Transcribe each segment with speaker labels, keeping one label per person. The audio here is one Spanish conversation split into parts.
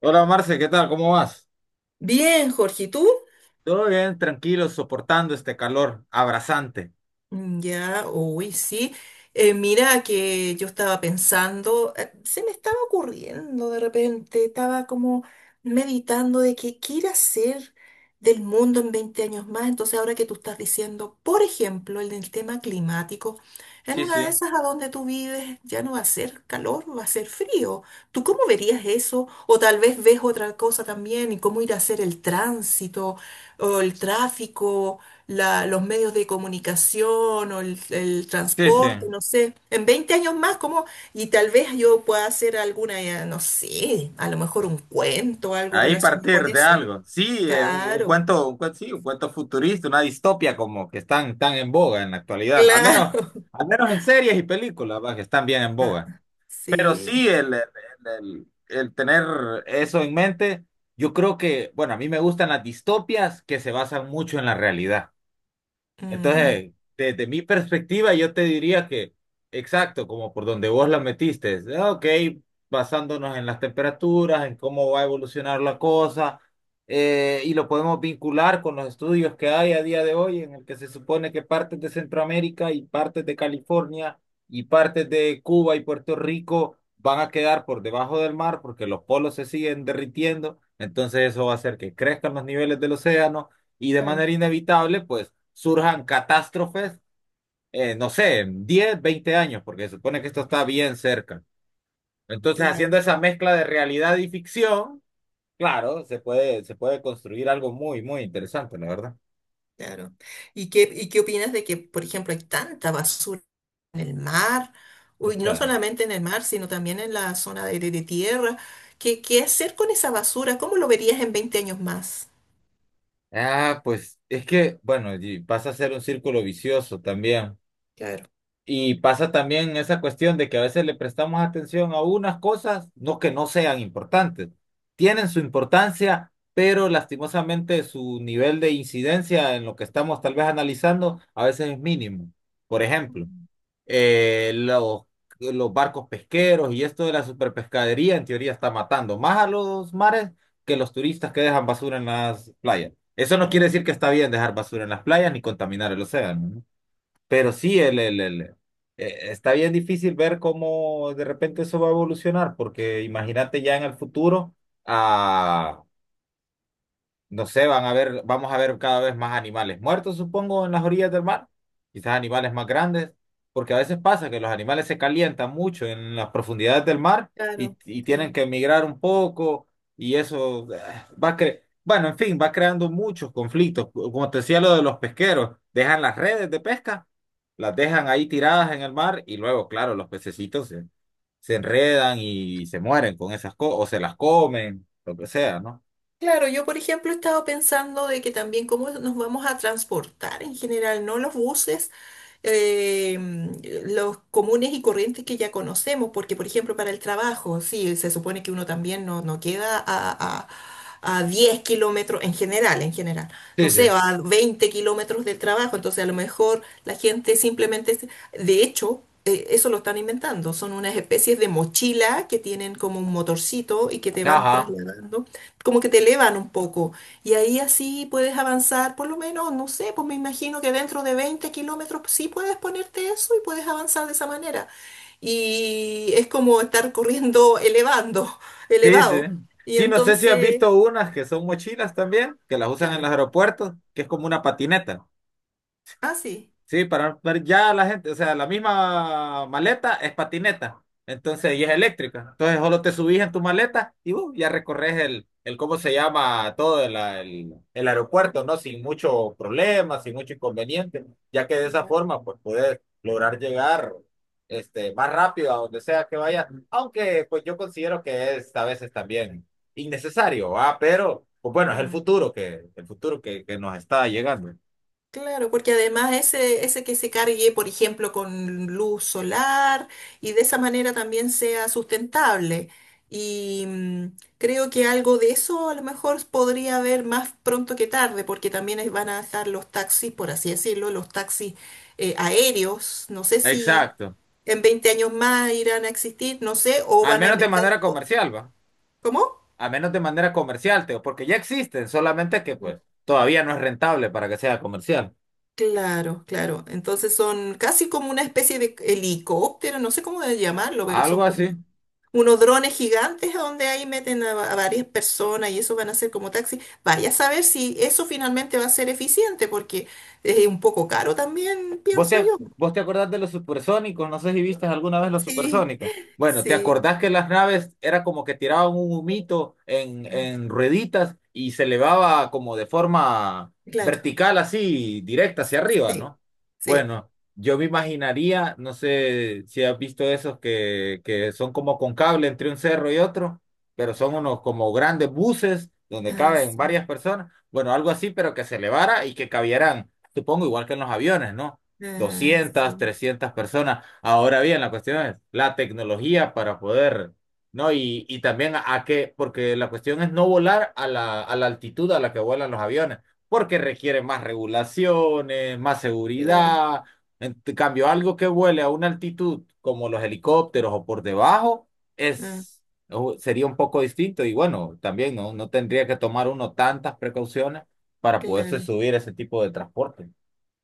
Speaker 1: Hola Marce, ¿qué tal? ¿Cómo vas?
Speaker 2: Bien, Jorge, ¿y tú?
Speaker 1: Todo bien, tranquilo, soportando este calor abrasante.
Speaker 2: Mm, ya, uy, sí. Mira que yo estaba pensando, se me estaba ocurriendo de repente, estaba como meditando de que qué ir a hacer del mundo en 20 años más. Entonces, ahora que tú estás diciendo, por ejemplo, el del tema climático, en
Speaker 1: Sí,
Speaker 2: una
Speaker 1: sí,
Speaker 2: de esas a donde tú vives ya no va a ser calor, va a ser frío. ¿Tú cómo verías eso? O tal vez ves otra cosa también y cómo ir a hacer el tránsito o el tráfico. Los medios de comunicación o el
Speaker 1: sí, sí.
Speaker 2: transporte, no sé, en 20 años más, como, y tal vez yo pueda hacer alguna, no sé, a lo mejor un cuento, algo
Speaker 1: Ahí
Speaker 2: relacionado con
Speaker 1: partir de
Speaker 2: eso.
Speaker 1: algo. Sí, un
Speaker 2: Claro,
Speaker 1: cuento, sí, un cuento futurista, una distopia como que están tan en boga en la actualidad.
Speaker 2: claro.
Speaker 1: Al menos en series y películas, va, que están bien en
Speaker 2: Ah,
Speaker 1: boga. Pero
Speaker 2: sí.
Speaker 1: sí, el tener eso en mente, yo creo que, bueno, a mí me gustan las distopias que se basan mucho en la realidad.
Speaker 2: Mm,
Speaker 1: Entonces, desde mi perspectiva, yo te diría que, exacto, como por donde vos la metiste, es, ah, ok, basándonos en las temperaturas, en cómo va a evolucionar la cosa, y lo podemos vincular con los estudios que hay a día de hoy, en el que se supone que partes de Centroamérica y partes de California y partes de Cuba y Puerto Rico van a quedar por debajo del mar porque los polos se siguen derritiendo, entonces eso va a hacer que crezcan los niveles del océano y de
Speaker 2: claro,
Speaker 1: manera inevitable, pues surjan catástrofes, no sé, en 10, 20 años, porque se supone que esto está bien cerca. Entonces, haciendo
Speaker 2: claro,
Speaker 1: esa mezcla de realidad y ficción, claro, se puede construir algo muy, muy interesante, la verdad.
Speaker 2: claro. ¿Y qué opinas de que, por ejemplo, hay tanta basura en el mar?
Speaker 1: O
Speaker 2: Uy, no
Speaker 1: sea,
Speaker 2: solamente en el mar, sino también en la zona de tierra. ¿Qué hacer con esa basura? ¿Cómo lo verías en 20 años más?
Speaker 1: ah, pues es que, bueno, y pasa a ser un círculo vicioso también.
Speaker 2: Claro.
Speaker 1: Y pasa también esa cuestión de que a veces le prestamos atención a unas cosas, no que no sean importantes. Tienen su importancia, pero lastimosamente su nivel de incidencia en lo que estamos tal vez analizando a veces es mínimo. Por ejemplo,
Speaker 2: Mm,
Speaker 1: eh, los, los barcos pesqueros y esto de la superpescadería en teoría está matando más a los mares que los turistas que dejan basura en las playas. Eso no quiere decir que está bien dejar basura en las playas ni contaminar el océano, ¿no? Pero sí, está bien difícil ver cómo de repente eso va a evolucionar, porque imagínate ya en el futuro, a no sé, vamos a ver cada vez más animales muertos, supongo, en las orillas del mar. Quizás animales más grandes, porque a veces pasa que los animales se calientan mucho en las profundidades del mar
Speaker 2: claro,
Speaker 1: y tienen
Speaker 2: sí.
Speaker 1: que emigrar un poco y eso bueno, en fin, va creando muchos conflictos. Como te decía lo de los pesqueros, dejan las redes de pesca, las dejan ahí tiradas en el mar y luego, claro, se enredan y se mueren con esas cosas o se las comen, lo que sea, ¿no?
Speaker 2: Claro, yo por ejemplo he estado pensando de que también cómo nos vamos a transportar en general, ¿no? Los buses, eh, los comunes y corrientes que ya conocemos, porque por ejemplo para el trabajo, sí, se supone que uno también no queda a, a 10 kilómetros en general, no
Speaker 1: Sí,
Speaker 2: sé,
Speaker 1: sí.
Speaker 2: a 20 kilómetros del trabajo, entonces a lo mejor la gente simplemente, de hecho, eso lo están inventando, son unas especies de mochila que tienen como un motorcito y que te van
Speaker 1: Ajá.
Speaker 2: trasladando como que te elevan un poco. Y ahí así puedes avanzar, por lo menos, no sé, pues me imagino que dentro de 20 kilómetros sí puedes ponerte eso y puedes avanzar de esa manera. Y es como estar corriendo elevando,
Speaker 1: Sí, sí.
Speaker 2: elevado. Y
Speaker 1: Sí, no sé si has
Speaker 2: entonces,
Speaker 1: visto unas que son mochilas también, que las usan en los
Speaker 2: claro.
Speaker 1: aeropuertos, que es como una patineta.
Speaker 2: Ah, sí.
Speaker 1: Sí, para ver ya la gente, o sea, la misma maleta es patineta, entonces y es eléctrica. Entonces solo te subís en tu maleta y ya recorres ¿cómo se llama? Todo el aeropuerto, ¿no? Sin mucho problema, sin mucho inconveniente, ya que de esa forma, pues, puedes lograr llegar este, más rápido a donde sea que vayas, aunque, pues, yo considero que es a veces también innecesario, ¿va? Pero, pues, bueno, es el
Speaker 2: Eleva.
Speaker 1: futuro que nos está llegando.
Speaker 2: Claro, porque además ese que se cargue, por ejemplo, con luz solar y de esa manera también sea sustentable. Y creo que algo de eso a lo mejor podría haber más pronto que tarde, porque también van a dejar los taxis, por así decirlo, los taxis aéreos. No sé si
Speaker 1: Exacto.
Speaker 2: en 20 años más irán a existir, no sé, o
Speaker 1: Al
Speaker 2: van a
Speaker 1: menos de
Speaker 2: inventar...
Speaker 1: manera
Speaker 2: o-
Speaker 1: comercial, va.
Speaker 2: ¿Cómo?
Speaker 1: Al menos de manera comercial, Teo, porque ya existen, solamente que
Speaker 2: Mm.
Speaker 1: pues todavía no es rentable para que sea comercial.
Speaker 2: Claro, claro. Entonces son casi como una especie de helicóptero, no sé cómo de llamarlo, pero son
Speaker 1: Algo
Speaker 2: como
Speaker 1: así.
Speaker 2: unos drones gigantes a donde ahí meten a varias personas y eso van a ser como taxis. Vaya a saber si eso finalmente va a ser eficiente, porque es un poco caro también, pienso yo.
Speaker 1: ¿Vos te acordás de los supersónicos? No sé si viste alguna vez los
Speaker 2: Sí,
Speaker 1: supersónicos. Bueno, ¿te
Speaker 2: sí,
Speaker 1: acordás que las naves era como que tiraban un humito en rueditas y se elevaba como de forma
Speaker 2: claro,
Speaker 1: vertical, así, directa hacia arriba,
Speaker 2: sí,
Speaker 1: ¿no?
Speaker 2: sí,
Speaker 1: Bueno, yo me imaginaría, no sé si has visto esos que son como con cable entre un cerro y otro, pero son unos como grandes buses donde
Speaker 2: ah,
Speaker 1: caben
Speaker 2: sí,
Speaker 1: varias personas. Bueno, algo así, pero que se elevara y que cabieran, supongo, igual que en los aviones, ¿no?
Speaker 2: ah,
Speaker 1: Doscientas
Speaker 2: sí,
Speaker 1: 300 personas. Ahora bien, la cuestión es la tecnología para poder, ¿no? Y también a qué, porque la cuestión es no volar a a la altitud a la que vuelan los aviones, porque requiere más regulaciones, más
Speaker 2: claro,
Speaker 1: seguridad. Cambio, algo que vuele a una altitud como los helicópteros o por debajo
Speaker 2: ah,
Speaker 1: es, sería un poco distinto y bueno, también no, no tendría que tomar uno tantas precauciones para poderse
Speaker 2: claro.
Speaker 1: subir a ese tipo de transporte.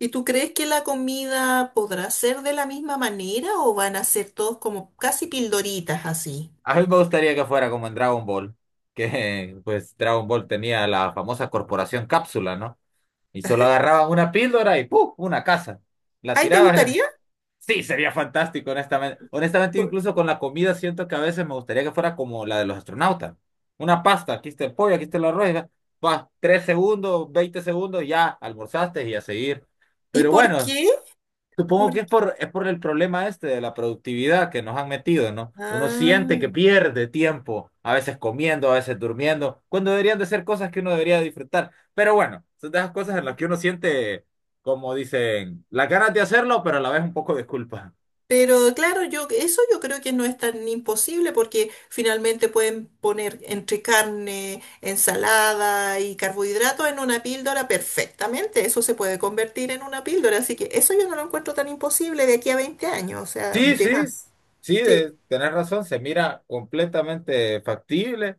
Speaker 2: ¿Y tú crees que la comida podrá ser de la misma manera o van a ser todos como casi pildoritas así?
Speaker 1: A mí me gustaría que fuera como en Dragon Ball, que pues Dragon Ball tenía la famosa corporación cápsula, ¿no? Y solo agarraban una píldora y ¡puf! Una casa. La
Speaker 2: ¿Ahí te
Speaker 1: tiraban.
Speaker 2: gustaría?
Speaker 1: Sí, sería fantástico, honestamente. Honestamente,
Speaker 2: Por-
Speaker 1: incluso con la comida siento que a veces me gustaría que fuera como la de los astronautas. Una pasta, aquí está el pollo, aquí está el arroz, y va, va, tres segundos, 20 segundos, ya almorzaste y a seguir.
Speaker 2: ¿Y
Speaker 1: Pero
Speaker 2: por
Speaker 1: bueno,
Speaker 2: qué?
Speaker 1: supongo
Speaker 2: ¿Por
Speaker 1: que
Speaker 2: qué?
Speaker 1: es es por el problema este de la productividad que nos han metido, ¿no? Uno siente que
Speaker 2: Ah.
Speaker 1: pierde tiempo, a veces comiendo, a veces durmiendo, cuando deberían de ser cosas que uno debería disfrutar. Pero bueno, son de esas cosas en las
Speaker 2: Ah.
Speaker 1: que uno siente, como dicen, las ganas de hacerlo, pero a la vez un poco de culpa.
Speaker 2: Pero claro, yo eso yo creo que no es tan imposible porque finalmente pueden poner entre carne, ensalada y carbohidratos en una píldora perfectamente. Eso se puede convertir en una píldora, así que eso yo no lo encuentro tan imposible de aquí a 20 años, o sea,
Speaker 1: Sí,
Speaker 2: de
Speaker 1: sí,
Speaker 2: más.
Speaker 1: sí,
Speaker 2: Sí.
Speaker 1: tenés razón, se mira completamente factible.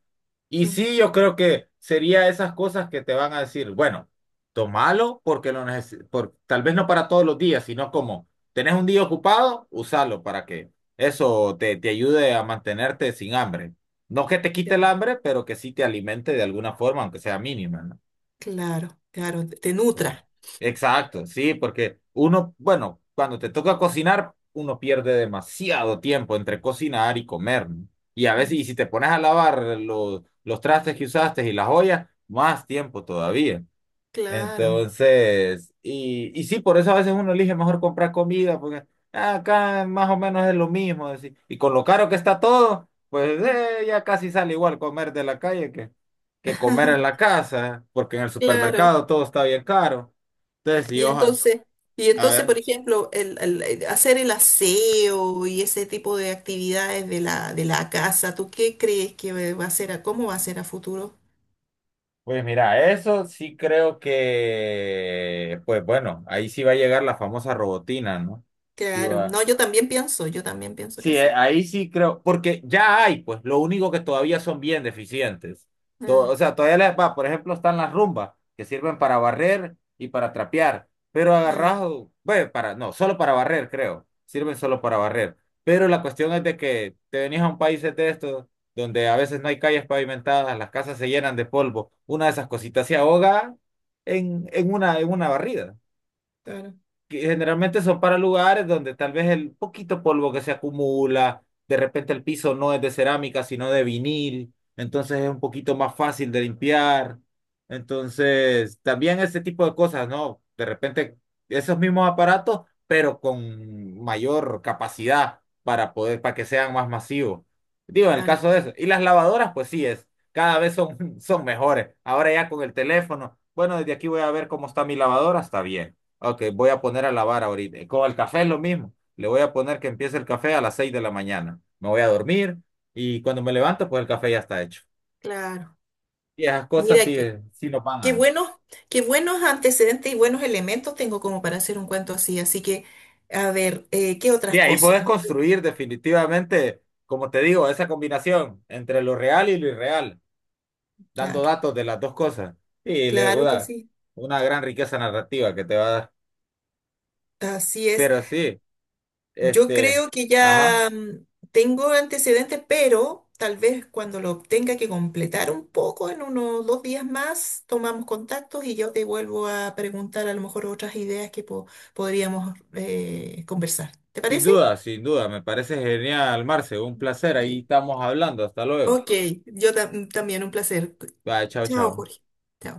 Speaker 1: Y
Speaker 2: Mm.
Speaker 1: sí, yo creo que sería esas cosas que te van a decir, bueno, tomalo porque lo neces por, tal vez no para todos los días, sino como tenés un día ocupado, usalo para que eso te ayude a mantenerte sin hambre. No que te quite el hambre, pero que sí te alimente de alguna forma, aunque sea mínima, ¿no?
Speaker 2: Claro, claro, te nutra.
Speaker 1: Exacto, sí, porque uno, bueno, cuando te toca cocinar, uno pierde demasiado tiempo entre cocinar y comer, ¿no? Y a veces,
Speaker 2: Mm.
Speaker 1: y si te pones a lavar los trastes que usaste y las ollas, más tiempo todavía.
Speaker 2: Claro.
Speaker 1: Entonces, y sí, por eso a veces uno elige mejor comprar comida, porque "Ah, acá más o menos es lo mismo, así. Y con lo caro que está todo, pues
Speaker 2: Mm.
Speaker 1: ya casi sale igual comer de la calle que comer en la casa, porque en el
Speaker 2: Claro.
Speaker 1: supermercado todo está bien caro. Tres
Speaker 2: Y
Speaker 1: Riojas.
Speaker 2: entonces, y
Speaker 1: A
Speaker 2: entonces, por
Speaker 1: ver.
Speaker 2: ejemplo, el hacer el aseo y ese tipo de actividades de la casa, ¿tú qué crees que va a ser cómo va a ser a futuro?
Speaker 1: Pues mira, eso sí creo que, pues bueno, ahí sí va a llegar la famosa robotina, ¿no? Sí
Speaker 2: Claro,
Speaker 1: va.
Speaker 2: no, yo también pienso que
Speaker 1: Sí,
Speaker 2: sí.
Speaker 1: ahí sí creo, porque ya hay, pues lo único que todavía son bien deficientes.
Speaker 2: Ah,
Speaker 1: O sea, todavía les va, por ejemplo, están las rumbas, que sirven para barrer y para trapear, pero
Speaker 2: ah,
Speaker 1: agarrado, bueno, para, no, solo para barrer, creo, sirven solo para barrer. Pero la cuestión es de que te venís a un país de estos, donde a veces no hay calles pavimentadas, las casas se llenan de polvo, una de esas cositas se ahoga en en una barrida
Speaker 2: claro,
Speaker 1: que generalmente son para lugares donde tal vez el poquito polvo que se acumula, de repente el piso no es de cerámica, sino de vinil, entonces es un poquito más fácil de limpiar. Entonces, también ese tipo de cosas, ¿no? De repente esos mismos aparatos, pero con mayor capacidad para poder, para que sean más masivos. Digo, en el
Speaker 2: claro,
Speaker 1: caso de eso. Y las lavadoras, pues sí es. Cada vez son, son mejores. Ahora ya con el teléfono. Bueno, desde aquí voy a ver cómo está mi lavadora. Está bien. Ok, voy a poner a lavar ahorita. Con el café es lo mismo. Le voy a poner que empiece el café a las 6 de la mañana. Me voy a dormir y cuando me levanto, pues el café ya está hecho.
Speaker 2: claro.
Speaker 1: Y esas cosas
Speaker 2: Mira,
Speaker 1: sí, sí nos van
Speaker 2: qué
Speaker 1: a...
Speaker 2: buenos, qué buenos antecedentes y buenos elementos tengo como para hacer un cuento así. Así que, a ver, ¿qué
Speaker 1: Sí,
Speaker 2: otras
Speaker 1: ahí
Speaker 2: cosas?
Speaker 1: puedes construir definitivamente, como te digo, esa combinación entre lo real y lo irreal, dando
Speaker 2: Claro,
Speaker 1: datos de las dos cosas. Y le
Speaker 2: claro que sí.
Speaker 1: una gran riqueza narrativa que te va a dar.
Speaker 2: Así es.
Speaker 1: Pero sí,
Speaker 2: Yo
Speaker 1: este,
Speaker 2: creo que
Speaker 1: ajá,
Speaker 2: ya tengo antecedentes, pero tal vez cuando lo tenga que completar un poco, en unos 2 días más, tomamos contactos y yo te vuelvo a preguntar a lo mejor otras ideas que podríamos conversar. ¿Te
Speaker 1: sin
Speaker 2: parece?
Speaker 1: duda, sin duda, me parece genial, Marce, un placer. Ahí
Speaker 2: Sí.
Speaker 1: estamos hablando, hasta luego.
Speaker 2: Ok, yo también un placer.
Speaker 1: Bye, chao,
Speaker 2: Chao,
Speaker 1: chao.
Speaker 2: Jorge. Chao.